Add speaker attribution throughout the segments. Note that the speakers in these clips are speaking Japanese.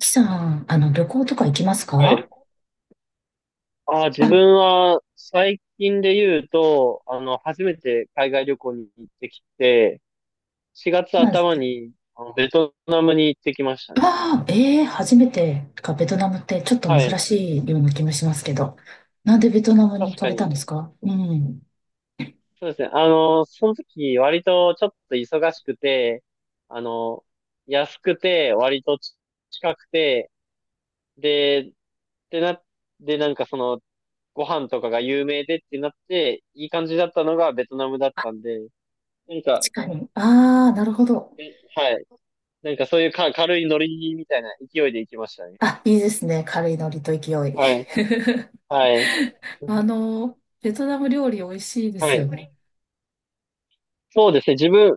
Speaker 1: きさん、旅行とか行きます
Speaker 2: は
Speaker 1: か？
Speaker 2: い。自
Speaker 1: あ、
Speaker 2: 分は最近で言うと、初めて海外旅行に行ってきて、4月
Speaker 1: なんです
Speaker 2: 頭
Speaker 1: ね。
Speaker 2: にベトナムに行ってきましたね。
Speaker 1: ああ、初めてか、ベトナムってちょっと
Speaker 2: は
Speaker 1: 珍
Speaker 2: い。
Speaker 1: しいような気もしますけど。なんでベトナムに行
Speaker 2: 確
Speaker 1: か
Speaker 2: か
Speaker 1: れたんで
Speaker 2: に。
Speaker 1: すか？うん。
Speaker 2: そうですね。その時割とちょっと忙しくて、あの、安くて、割と近くて、で、でな、で、ご飯とかが有名でってなって、いい感じだったのがベトナムだったんで、なんか、
Speaker 1: 確かに。ああ、なるほど。
Speaker 2: えはい。なんかそういうか軽いノリみたいな勢いで行きましたね。
Speaker 1: あ、いいですね。軽いノリと勢い。
Speaker 2: はい。はい。
Speaker 1: ベトナム料理美味しいで
Speaker 2: は
Speaker 1: すよ
Speaker 2: い。
Speaker 1: ね。
Speaker 2: そうですね。自分、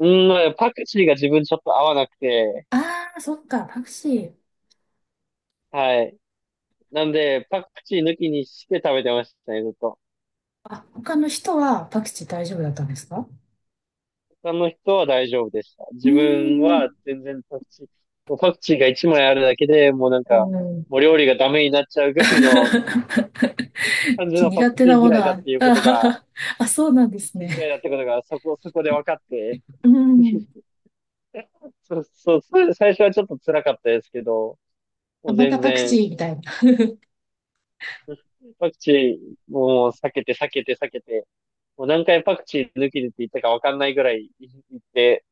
Speaker 2: うんまあ、パクチーが自分ちょっと合わなくて、
Speaker 1: ああ、そっか、パクチー。
Speaker 2: はい。なんで、パクチー抜きにして食べてましたね、ずっと。
Speaker 1: あ、他の人はパクチー大丈夫だったんですか？
Speaker 2: 他の人は大丈夫でした。
Speaker 1: うー
Speaker 2: 自分は
Speaker 1: ん。
Speaker 2: 全然パクチー、もうパクチーが一枚あるだけでもうなん
Speaker 1: う
Speaker 2: か、
Speaker 1: ん。
Speaker 2: もう料理がダメになっちゃうぐらいの 感じのパ
Speaker 1: 苦
Speaker 2: ク
Speaker 1: 手
Speaker 2: チー
Speaker 1: なも
Speaker 2: 嫌
Speaker 1: の
Speaker 2: いだっ
Speaker 1: は、
Speaker 2: ていうことが、
Speaker 1: あ、あ、そうなんで
Speaker 2: パク
Speaker 1: す
Speaker 2: チー嫌い
Speaker 1: ね。
Speaker 2: だってことがそこそこで分かって、
Speaker 1: うん。
Speaker 2: そう、それで最初はちょっと辛かったですけど、
Speaker 1: あ、
Speaker 2: もう
Speaker 1: また
Speaker 2: 全
Speaker 1: パクチ
Speaker 2: 然、
Speaker 1: ーみたいな。
Speaker 2: パクチーもう避けて、もう何回パクチー抜きでって言ったかわかんないぐらい言って、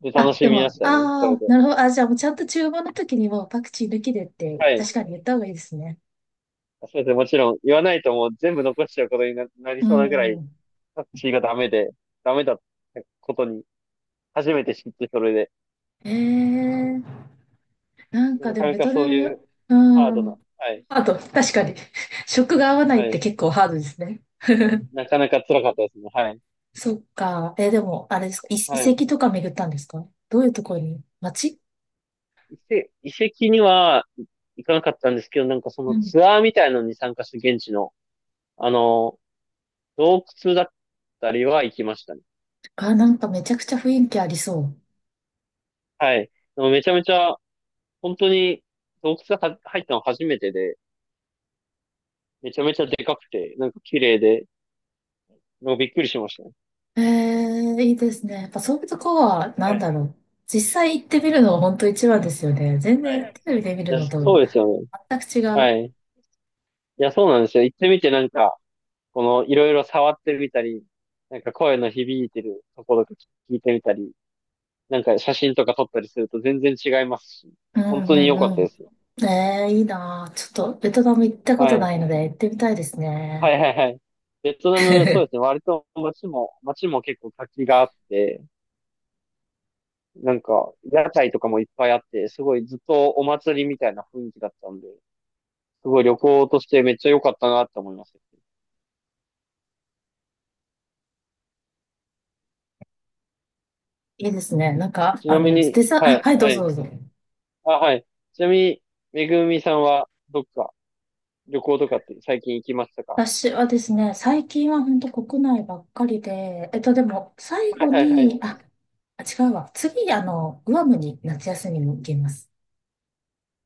Speaker 2: で、楽
Speaker 1: あ、
Speaker 2: し
Speaker 1: で
Speaker 2: みま
Speaker 1: も、
Speaker 2: したね、そ
Speaker 1: あ
Speaker 2: れ
Speaker 1: あ、
Speaker 2: で。
Speaker 1: なるほど。あ、じゃあもうちゃんと注文の時にもうパクチー抜きでって
Speaker 2: は
Speaker 1: 確
Speaker 2: い。
Speaker 1: かに言った方がいいですね。
Speaker 2: それでもちろん言わないともう全部残しちゃうことになり
Speaker 1: う
Speaker 2: そうなぐらい、
Speaker 1: ん。
Speaker 2: パクチーがダメで、ダメだったことに、初めて知ってそれで。
Speaker 1: ええ、なんか
Speaker 2: な
Speaker 1: で
Speaker 2: か
Speaker 1: も
Speaker 2: な
Speaker 1: ベ
Speaker 2: か
Speaker 1: トナ
Speaker 2: そうい
Speaker 1: ム、
Speaker 2: う
Speaker 1: う
Speaker 2: ハードな、
Speaker 1: ん。
Speaker 2: はい、
Speaker 1: あと、確かに、食が合わない
Speaker 2: は
Speaker 1: って
Speaker 2: い。
Speaker 1: 結構ハードですね。
Speaker 2: なかなか辛かったですね、はい。
Speaker 1: そっか。えでも、あれですか、
Speaker 2: は
Speaker 1: 遺
Speaker 2: い。
Speaker 1: 跡とか巡ったんですか？どういうところに街
Speaker 2: 遺跡には行かなかったんですけど、なんかそ
Speaker 1: う
Speaker 2: の
Speaker 1: ん。
Speaker 2: ツアーみたいのに参加する現地の、あの、洞窟だったりは行きましたね。
Speaker 1: あ、なんかめちゃくちゃ雰囲気ありそう。
Speaker 2: はい。でもめちゃめちゃ、本当に洞窟が入ったの初めてで、めちゃめちゃでかくて、なんか綺麗で、なんかびっくりしましたね。
Speaker 1: ええ、いいですね。やっぱそういうとこは、な
Speaker 2: は
Speaker 1: ん
Speaker 2: い。
Speaker 1: だろう。実際行ってみるのは本当一番ですよね。全
Speaker 2: は
Speaker 1: 然
Speaker 2: い。
Speaker 1: テレビで見
Speaker 2: い
Speaker 1: る
Speaker 2: や、
Speaker 1: のと
Speaker 2: そうですよね。
Speaker 1: 全く違
Speaker 2: は
Speaker 1: う。
Speaker 2: い。いや、そうなんですよ。行ってみてなんか、このいろいろ触ってみたり、なんか声の響いてるところとか聞いてみたり、なんか写真とか撮ったりすると全然違いますし、
Speaker 1: う
Speaker 2: 本当に
Speaker 1: ん
Speaker 2: 良
Speaker 1: う
Speaker 2: かっ
Speaker 1: んう
Speaker 2: たで
Speaker 1: ん。
Speaker 2: すよ。
Speaker 1: ええ、いいなあ。ちょっとベトナム行ったこと
Speaker 2: は
Speaker 1: ない
Speaker 2: い。
Speaker 1: ので行ってみたいです
Speaker 2: は
Speaker 1: ね。
Speaker 2: いはいはい。ベトナム、そうですね。割と街も結構活気があって、なんか、屋台とかもいっぱいあって、すごいずっとお祭りみたいな雰囲気だったんで、すごい旅行としてめっちゃ良かったなって思います。
Speaker 1: いいですね。
Speaker 2: ちなみ
Speaker 1: デ
Speaker 2: に、
Speaker 1: ザ、
Speaker 2: は
Speaker 1: あ、
Speaker 2: い、
Speaker 1: はい、ど
Speaker 2: は
Speaker 1: うぞ
Speaker 2: い。
Speaker 1: どうぞ。
Speaker 2: あ、はい。ちなみに、めぐみさんはどっか旅行とかって最近行きましたか？
Speaker 1: 私はですね、最近は本当国内ばっかりで、でも、最
Speaker 2: は
Speaker 1: 後
Speaker 2: いはいは
Speaker 1: に、
Speaker 2: い。
Speaker 1: あ、あ、違うわ。次、グアムに夏休みに行きます。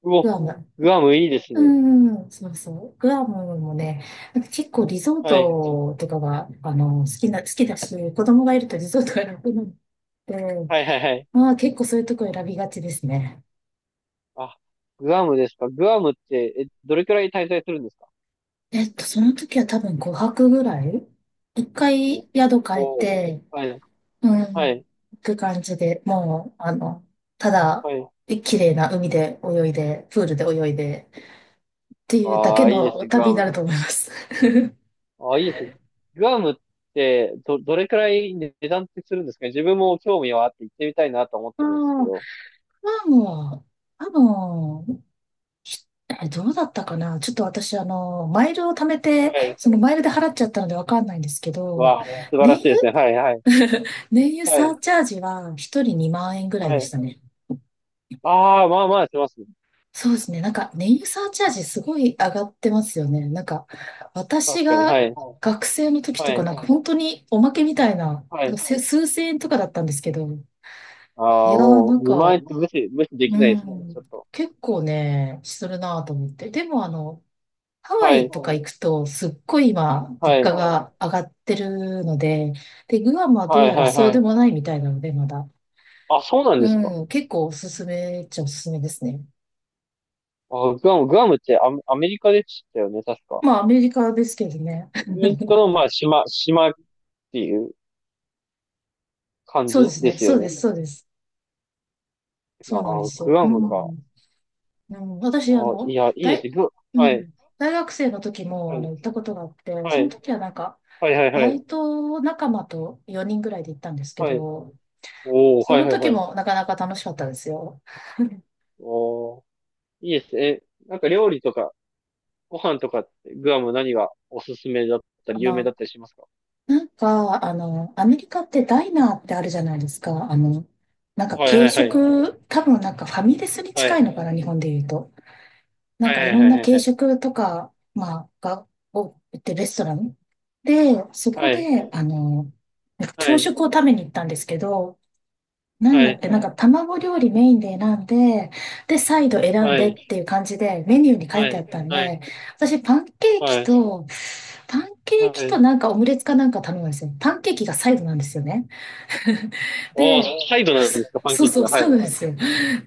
Speaker 2: う
Speaker 1: グ
Speaker 2: お、
Speaker 1: アム。
Speaker 2: グアムいいです
Speaker 1: う
Speaker 2: ね。
Speaker 1: んん、そうそう。グアムもね、なんか結構リゾー
Speaker 2: はい。
Speaker 1: トとかが、好きだし、子供がいるとリゾートが楽なので、
Speaker 2: はいはいはい。
Speaker 1: まあ結構そういうとこ選びがちですね。
Speaker 2: あ、グアムですか。グアムって、え、どれくらい滞在するんですか？
Speaker 1: えっと、その時は多分5泊ぐらい、一
Speaker 2: お、
Speaker 1: 回宿変え
Speaker 2: おー、
Speaker 1: て、
Speaker 2: はい、
Speaker 1: う
Speaker 2: はい、
Speaker 1: ん、行く感じで、もう、ただ、
Speaker 2: はい。
Speaker 1: 綺麗な海で泳いで、プールで泳いで、っていうだ
Speaker 2: あ
Speaker 1: け
Speaker 2: あ、いいです
Speaker 1: の
Speaker 2: ね、グ
Speaker 1: 旅
Speaker 2: ア
Speaker 1: にな
Speaker 2: ム。
Speaker 1: ると思います。
Speaker 2: ああ、いいですね。グアムって、どれくらい値段ってするんですかね？自分も興味はあって行ってみたいなと思っ
Speaker 1: ああ、
Speaker 2: てるんですけ
Speaker 1: ま
Speaker 2: ど。
Speaker 1: あもう、多しえどうだったかな。ちょっと私、マイルを貯めて、
Speaker 2: はい。
Speaker 1: そのマイルで払っちゃったのでわかんないんですけど、
Speaker 2: わあ、
Speaker 1: ね、
Speaker 2: 素晴
Speaker 1: 燃
Speaker 2: らしいですね。はい、はい、
Speaker 1: 油 燃油
Speaker 2: は
Speaker 1: サ
Speaker 2: い、
Speaker 1: ーチャージは一人2万円ぐらい
Speaker 2: は
Speaker 1: でし
Speaker 2: い。
Speaker 1: たね。
Speaker 2: ああ、まあまあしますね。
Speaker 1: そうですね。なんか、燃油サーチャージすごい上がってますよね。なんか、私
Speaker 2: 確かに、
Speaker 1: が
Speaker 2: はい、
Speaker 1: 学生の時
Speaker 2: は
Speaker 1: とか、なんか
Speaker 2: い、
Speaker 1: 本当におまけみたいな、
Speaker 2: は
Speaker 1: なんか
Speaker 2: い。
Speaker 1: せ数千円とかだったんですけど、い
Speaker 2: あ
Speaker 1: や
Speaker 2: あ、
Speaker 1: ー、
Speaker 2: も
Speaker 1: なん
Speaker 2: う、
Speaker 1: か、
Speaker 2: 2万円って無視で
Speaker 1: う
Speaker 2: きないですね。ちょっ
Speaker 1: ん、
Speaker 2: と。
Speaker 1: 結構ね、するなぁと思って。でも、ハワ
Speaker 2: は
Speaker 1: イ
Speaker 2: い、
Speaker 1: とか行くと、すっごい今、
Speaker 2: は
Speaker 1: 物
Speaker 2: い、
Speaker 1: 価
Speaker 2: は
Speaker 1: が上がってるので、で、グアムは
Speaker 2: い、
Speaker 1: ど
Speaker 2: は
Speaker 1: う
Speaker 2: い、
Speaker 1: やらそう
Speaker 2: は
Speaker 1: で
Speaker 2: い。
Speaker 1: もないみたいなので、まだ。
Speaker 2: あ、そうなんですか？
Speaker 1: うん、結構おすすめっちゃおすすめですね。
Speaker 2: グアムってアメリカでしたよね、確か。
Speaker 1: まあ、アメリカですけどね。
Speaker 2: アメリカ のまあ島っていう感
Speaker 1: そうで
Speaker 2: じ
Speaker 1: す
Speaker 2: で
Speaker 1: ね。
Speaker 2: す
Speaker 1: そ
Speaker 2: よ
Speaker 1: うで
Speaker 2: ね。
Speaker 1: す、そうです。そうなんで
Speaker 2: あ、
Speaker 1: す
Speaker 2: グ
Speaker 1: よ。う
Speaker 2: アムか。
Speaker 1: ん。うん、私、あ
Speaker 2: あ、い
Speaker 1: の、
Speaker 2: やいいです、
Speaker 1: 大、
Speaker 2: グ、
Speaker 1: う
Speaker 2: はい
Speaker 1: ん、大学生の時
Speaker 2: は
Speaker 1: も、
Speaker 2: い
Speaker 1: 行ったことがあって、
Speaker 2: は
Speaker 1: その
Speaker 2: い
Speaker 1: 時はなんか、
Speaker 2: はいはい
Speaker 1: バ
Speaker 2: はい
Speaker 1: イト仲間と4人ぐらいで行ったんですけ
Speaker 2: はい。
Speaker 1: ど、
Speaker 2: お
Speaker 1: そ
Speaker 2: はい
Speaker 1: の
Speaker 2: はい
Speaker 1: 時
Speaker 2: はい。
Speaker 1: もなかなか楽しかったですよ。
Speaker 2: おいいです、え、なんか料理とかご飯とか、グアム何がおすすめだった
Speaker 1: あ
Speaker 2: り有名
Speaker 1: の、
Speaker 2: だったりしますか？
Speaker 1: アメリカってダイナーってあるじゃないですか。なんか
Speaker 2: はいは
Speaker 1: 軽
Speaker 2: いはい
Speaker 1: 食、多分なんかファミレスに
Speaker 2: は
Speaker 1: 近
Speaker 2: い
Speaker 1: いのかな、日本で言うと。なん
Speaker 2: はい
Speaker 1: か
Speaker 2: は
Speaker 1: いろんな
Speaker 2: い
Speaker 1: 軽
Speaker 2: はい
Speaker 1: 食とか、まあ、が、を売ってるレストランで、そこ
Speaker 2: はい
Speaker 1: で、なんか
Speaker 2: は
Speaker 1: 朝
Speaker 2: い
Speaker 1: 食を食べに行ったんですけど、なん
Speaker 2: は
Speaker 1: だっ
Speaker 2: い
Speaker 1: け、なんか卵料理メインで選んで、で、サイド選ん
Speaker 2: は
Speaker 1: でっ
Speaker 2: い
Speaker 1: ていう感じでメニューに書いてあった
Speaker 2: は
Speaker 1: んで、私パンケー
Speaker 2: い
Speaker 1: キ
Speaker 2: は
Speaker 1: とパンケーキと
Speaker 2: い。
Speaker 1: なんかオムレツかなんか頼むんですよ。パンケーキがサイドなんですよね。
Speaker 2: おー、
Speaker 1: で、お
Speaker 2: サイ
Speaker 1: サイ
Speaker 2: ド
Speaker 1: ドなんで
Speaker 2: なんです
Speaker 1: す
Speaker 2: か、パン
Speaker 1: そう
Speaker 2: ケー
Speaker 1: ねそ
Speaker 2: キ
Speaker 1: う、
Speaker 2: が。は
Speaker 1: サイ
Speaker 2: い。
Speaker 1: ドなんですよ。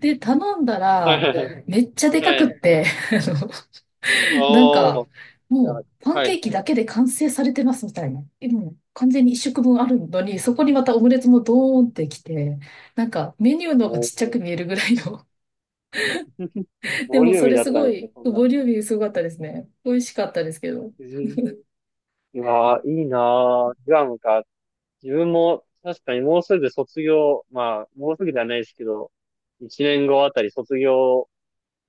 Speaker 1: で、頼んだ
Speaker 2: はいは
Speaker 1: ら、
Speaker 2: いはい。
Speaker 1: めっちゃでか
Speaker 2: は
Speaker 1: くっ
Speaker 2: い。
Speaker 1: て、あのなんか、
Speaker 2: おー、いや、
Speaker 1: もう、パン
Speaker 2: は
Speaker 1: ケ
Speaker 2: い。
Speaker 1: ーキだけで完成されてますみたいな。え、もう完全に一食分あるのに、そこにまたオムレツもドーンってきて、なんかメニューの方が
Speaker 2: お
Speaker 1: ち
Speaker 2: ー、
Speaker 1: っちゃく見えるぐらいの。で
Speaker 2: ボ
Speaker 1: も
Speaker 2: リュー
Speaker 1: そ
Speaker 2: ミー
Speaker 1: れ
Speaker 2: だっ
Speaker 1: す
Speaker 2: た
Speaker 1: ご
Speaker 2: んですよ、
Speaker 1: い、
Speaker 2: そんな。
Speaker 1: ボリューミーすごかったですね。美味しかったですけど。
Speaker 2: うん、うわー、いいなー。グアムか。自分も、確かにもうすぐ卒業、まあ、もうすぐではないですけど、一年後あたり卒業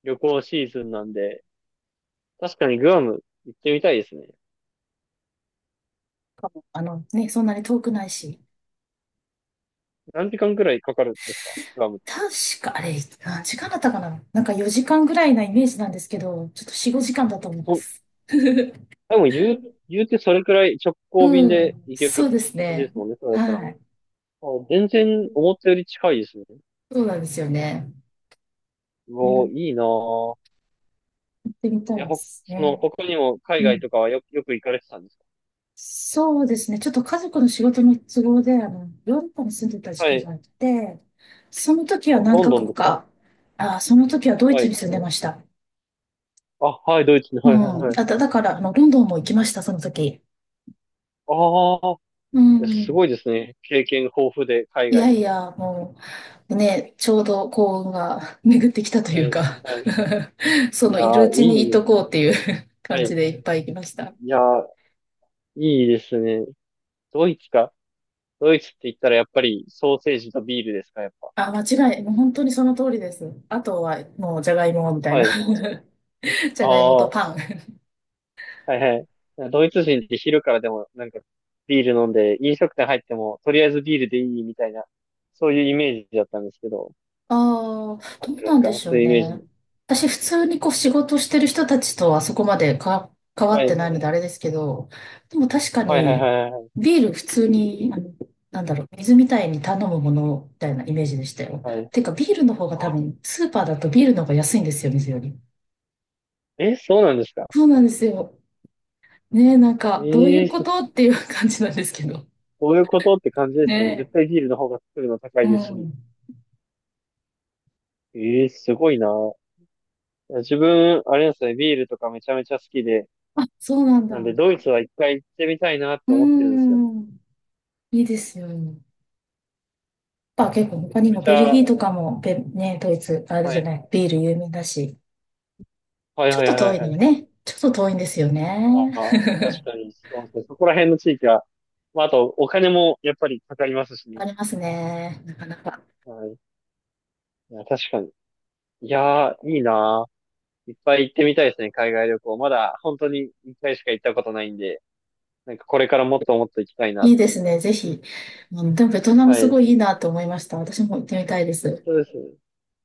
Speaker 2: 旅行シーズンなんで、確かにグアム行ってみたいですね。
Speaker 1: あのね、そんなに遠くないし。
Speaker 2: 何時間くらいかかるんですか、グアムって。
Speaker 1: 確か、あれ、何時間だったかな。なんか4時間ぐらいなイメージなんですけど、ちょっと4、5時間だと
Speaker 2: あ
Speaker 1: 思い
Speaker 2: そ
Speaker 1: ま
Speaker 2: こ、
Speaker 1: す。
Speaker 2: 多分言う、言うてそれくらい直行
Speaker 1: う
Speaker 2: 便で
Speaker 1: ん、
Speaker 2: 行け
Speaker 1: そう
Speaker 2: る
Speaker 1: です
Speaker 2: 感じ
Speaker 1: ね。
Speaker 2: ですもんね、そうだったら。あ、
Speaker 1: はい。
Speaker 2: 全然思ったより近いですね。
Speaker 1: そうなんですよね。
Speaker 2: うわ、
Speaker 1: ね、
Speaker 2: いいなぁ。
Speaker 1: 行ってみた
Speaker 2: いや、
Speaker 1: いですね。
Speaker 2: 他にも海
Speaker 1: う
Speaker 2: 外と
Speaker 1: ん、
Speaker 2: かはよく行かれてたんですか？
Speaker 1: そうですね。ちょっと家族の仕事の都合で、ヨーロッパに住んでた時
Speaker 2: は
Speaker 1: 期
Speaker 2: い。
Speaker 1: があって、その時は何
Speaker 2: ロン
Speaker 1: カ
Speaker 2: ドン
Speaker 1: 国
Speaker 2: ですか？
Speaker 1: か、あ、その時はドイ
Speaker 2: は
Speaker 1: ツ
Speaker 2: い。
Speaker 1: に住んでました。
Speaker 2: あ、はい、ドイツに、
Speaker 1: う
Speaker 2: はい、はい、
Speaker 1: ん。
Speaker 2: はい。
Speaker 1: あと、だから、ロンドンも行きました、その時。
Speaker 2: ああ、
Speaker 1: う
Speaker 2: いや、す
Speaker 1: ん。
Speaker 2: ごいですね。経験豊富で、海
Speaker 1: いや
Speaker 2: 外
Speaker 1: い
Speaker 2: の。
Speaker 1: や、もう、ね、ちょうど幸運が 巡ってきたとい
Speaker 2: は
Speaker 1: う
Speaker 2: い、は
Speaker 1: か、
Speaker 2: い。
Speaker 1: そ
Speaker 2: い
Speaker 1: の
Speaker 2: や
Speaker 1: いる
Speaker 2: ー、
Speaker 1: うちにい
Speaker 2: いい。
Speaker 1: とこうっていう
Speaker 2: は
Speaker 1: 感じ
Speaker 2: い。
Speaker 1: でいっぱい行きました。
Speaker 2: いやー、いいですね。ドイツか。ドイツって言ったら、やっぱり、ソーセージとビールですか、やっぱ。
Speaker 1: あ、間違い、もう本当にその通りです。あとはもうじゃがいもみたい
Speaker 2: は
Speaker 1: な。
Speaker 2: い。
Speaker 1: じゃ
Speaker 2: あ
Speaker 1: がいもと
Speaker 2: あ。
Speaker 1: パン。
Speaker 2: はいはい。ドイツ人って昼からでもなんかビール飲んで、飲食店入ってもとりあえずビールでいいみたいな、そういうイメージだったんですけど、
Speaker 1: ああ、
Speaker 2: あ
Speaker 1: ど
Speaker 2: っ
Speaker 1: う
Speaker 2: てま
Speaker 1: な
Speaker 2: す
Speaker 1: んで
Speaker 2: か、
Speaker 1: し
Speaker 2: そ
Speaker 1: ょ
Speaker 2: う
Speaker 1: う
Speaker 2: いうイメー
Speaker 1: ね。
Speaker 2: ジ。
Speaker 1: 私、普通にこう仕事してる人たちとはそこまで関わ
Speaker 2: は
Speaker 1: ってない
Speaker 2: い。
Speaker 1: のであれですけど、でも確か
Speaker 2: はいはい
Speaker 1: に、
Speaker 2: はいはい
Speaker 1: ビール普通に、なんだろう、水みたいに頼むものみたいなイメージでしたよ。
Speaker 2: はい。
Speaker 1: てか、ビールの方が多
Speaker 2: あ、
Speaker 1: 分、スーパーだとビールの方が安いんですよ、水より。
Speaker 2: え、そうなんですか？
Speaker 1: そうなんですよ。ねえ、なんか、どうい
Speaker 2: ええ
Speaker 1: うこ
Speaker 2: そ、
Speaker 1: とっていう感じなんですけど。
Speaker 2: そういうことって感じですね。絶
Speaker 1: ね
Speaker 2: 対ビールの方が作るの高
Speaker 1: え。
Speaker 2: い
Speaker 1: う
Speaker 2: ですし。
Speaker 1: ん。
Speaker 2: ええ、すごいな。自分、あれなんですね、ビールとかめちゃめちゃ好きで、
Speaker 1: あ、そうなんだ。
Speaker 2: なんで
Speaker 1: う
Speaker 2: ドイツは一回行ってみたいなっ
Speaker 1: ー
Speaker 2: て思ってるんですよね。
Speaker 1: ん。いいですよね。結構
Speaker 2: め
Speaker 1: 他
Speaker 2: ちゃ
Speaker 1: に
Speaker 2: め
Speaker 1: も
Speaker 2: ち
Speaker 1: ベル
Speaker 2: ゃ、
Speaker 1: ギーとかもドイツ、ある
Speaker 2: は
Speaker 1: じゃ
Speaker 2: い、
Speaker 1: ない、ビール有名だし、
Speaker 2: はい
Speaker 1: ちょっ
Speaker 2: はい
Speaker 1: と
Speaker 2: は
Speaker 1: 遠
Speaker 2: い
Speaker 1: いの
Speaker 2: は
Speaker 1: よ
Speaker 2: い。
Speaker 1: ね。ちょっと遠いんですよ
Speaker 2: あ
Speaker 1: ね。
Speaker 2: あ、確かに、そうですね。そこら辺の地域は、まあ、あと、お金もやっぱりかかりますしね。
Speaker 1: ありますね。なかなか。
Speaker 2: はい。いや、確かに。いやー、いいなー。いっぱい行ってみたいですね、海外旅行。まだ、本当に一回しか行ったことないんで、なんかこれからもっともっと行きたいなっ
Speaker 1: いいで
Speaker 2: て。
Speaker 1: すね。ぜひ。うん、でもベトナム
Speaker 2: は
Speaker 1: す
Speaker 2: い。
Speaker 1: ごいいいなと思いました。私も行ってみたいです。
Speaker 2: そうですね。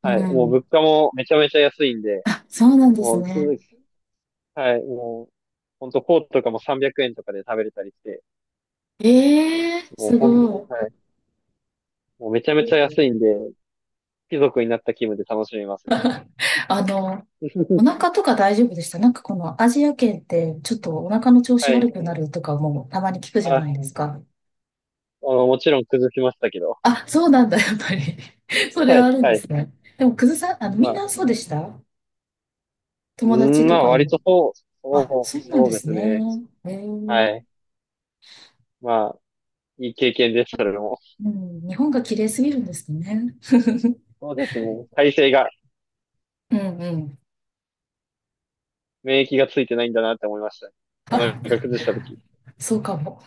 Speaker 1: う
Speaker 2: はい。もう
Speaker 1: ん。
Speaker 2: 物価もめちゃめちゃ安いんで、
Speaker 1: あ、そうなんです
Speaker 2: もう、き
Speaker 1: ね。
Speaker 2: はい。もう、ほんと、フォーとかも300円とかで食べれたりして、
Speaker 1: ええー、
Speaker 2: もう
Speaker 1: す
Speaker 2: ほん、
Speaker 1: ご
Speaker 2: はい。もうめちゃめちゃ
Speaker 1: い。
Speaker 2: 安いんで、貴族になった気分で楽しめますよ。
Speaker 1: あの、お 腹とか大丈夫でした？なんかこのアジア圏ってちょっとお腹の調子
Speaker 2: はい。
Speaker 1: 悪くなるとかもたまに聞くじゃない
Speaker 2: あ
Speaker 1: ですか。
Speaker 2: もちろん崩しましたけど。
Speaker 1: あ、そうなんだ、やっぱり。それ
Speaker 2: は
Speaker 1: はあ
Speaker 2: い、
Speaker 1: るん
Speaker 2: は
Speaker 1: です
Speaker 2: い。
Speaker 1: ね。でも、くずさん、み
Speaker 2: ま
Speaker 1: んな
Speaker 2: あ、
Speaker 1: そうでした？
Speaker 2: う
Speaker 1: 友達
Speaker 2: ん
Speaker 1: と
Speaker 2: まあ、
Speaker 1: か
Speaker 2: 割
Speaker 1: も。
Speaker 2: とそう、
Speaker 1: あ、
Speaker 2: そ
Speaker 1: そ
Speaker 2: う、
Speaker 1: うなん
Speaker 2: そ
Speaker 1: で
Speaker 2: うで
Speaker 1: す
Speaker 2: す
Speaker 1: ね。
Speaker 2: ね。
Speaker 1: へえ。
Speaker 2: はい。まあ、いい経験です、それも。
Speaker 1: うん、日本が綺麗すぎるんですね。
Speaker 2: そうですね。体勢が、
Speaker 1: うんうん。
Speaker 2: 免疫がついてないんだなって思いました。お腹
Speaker 1: あ、
Speaker 2: 崩した時。
Speaker 1: そうかも。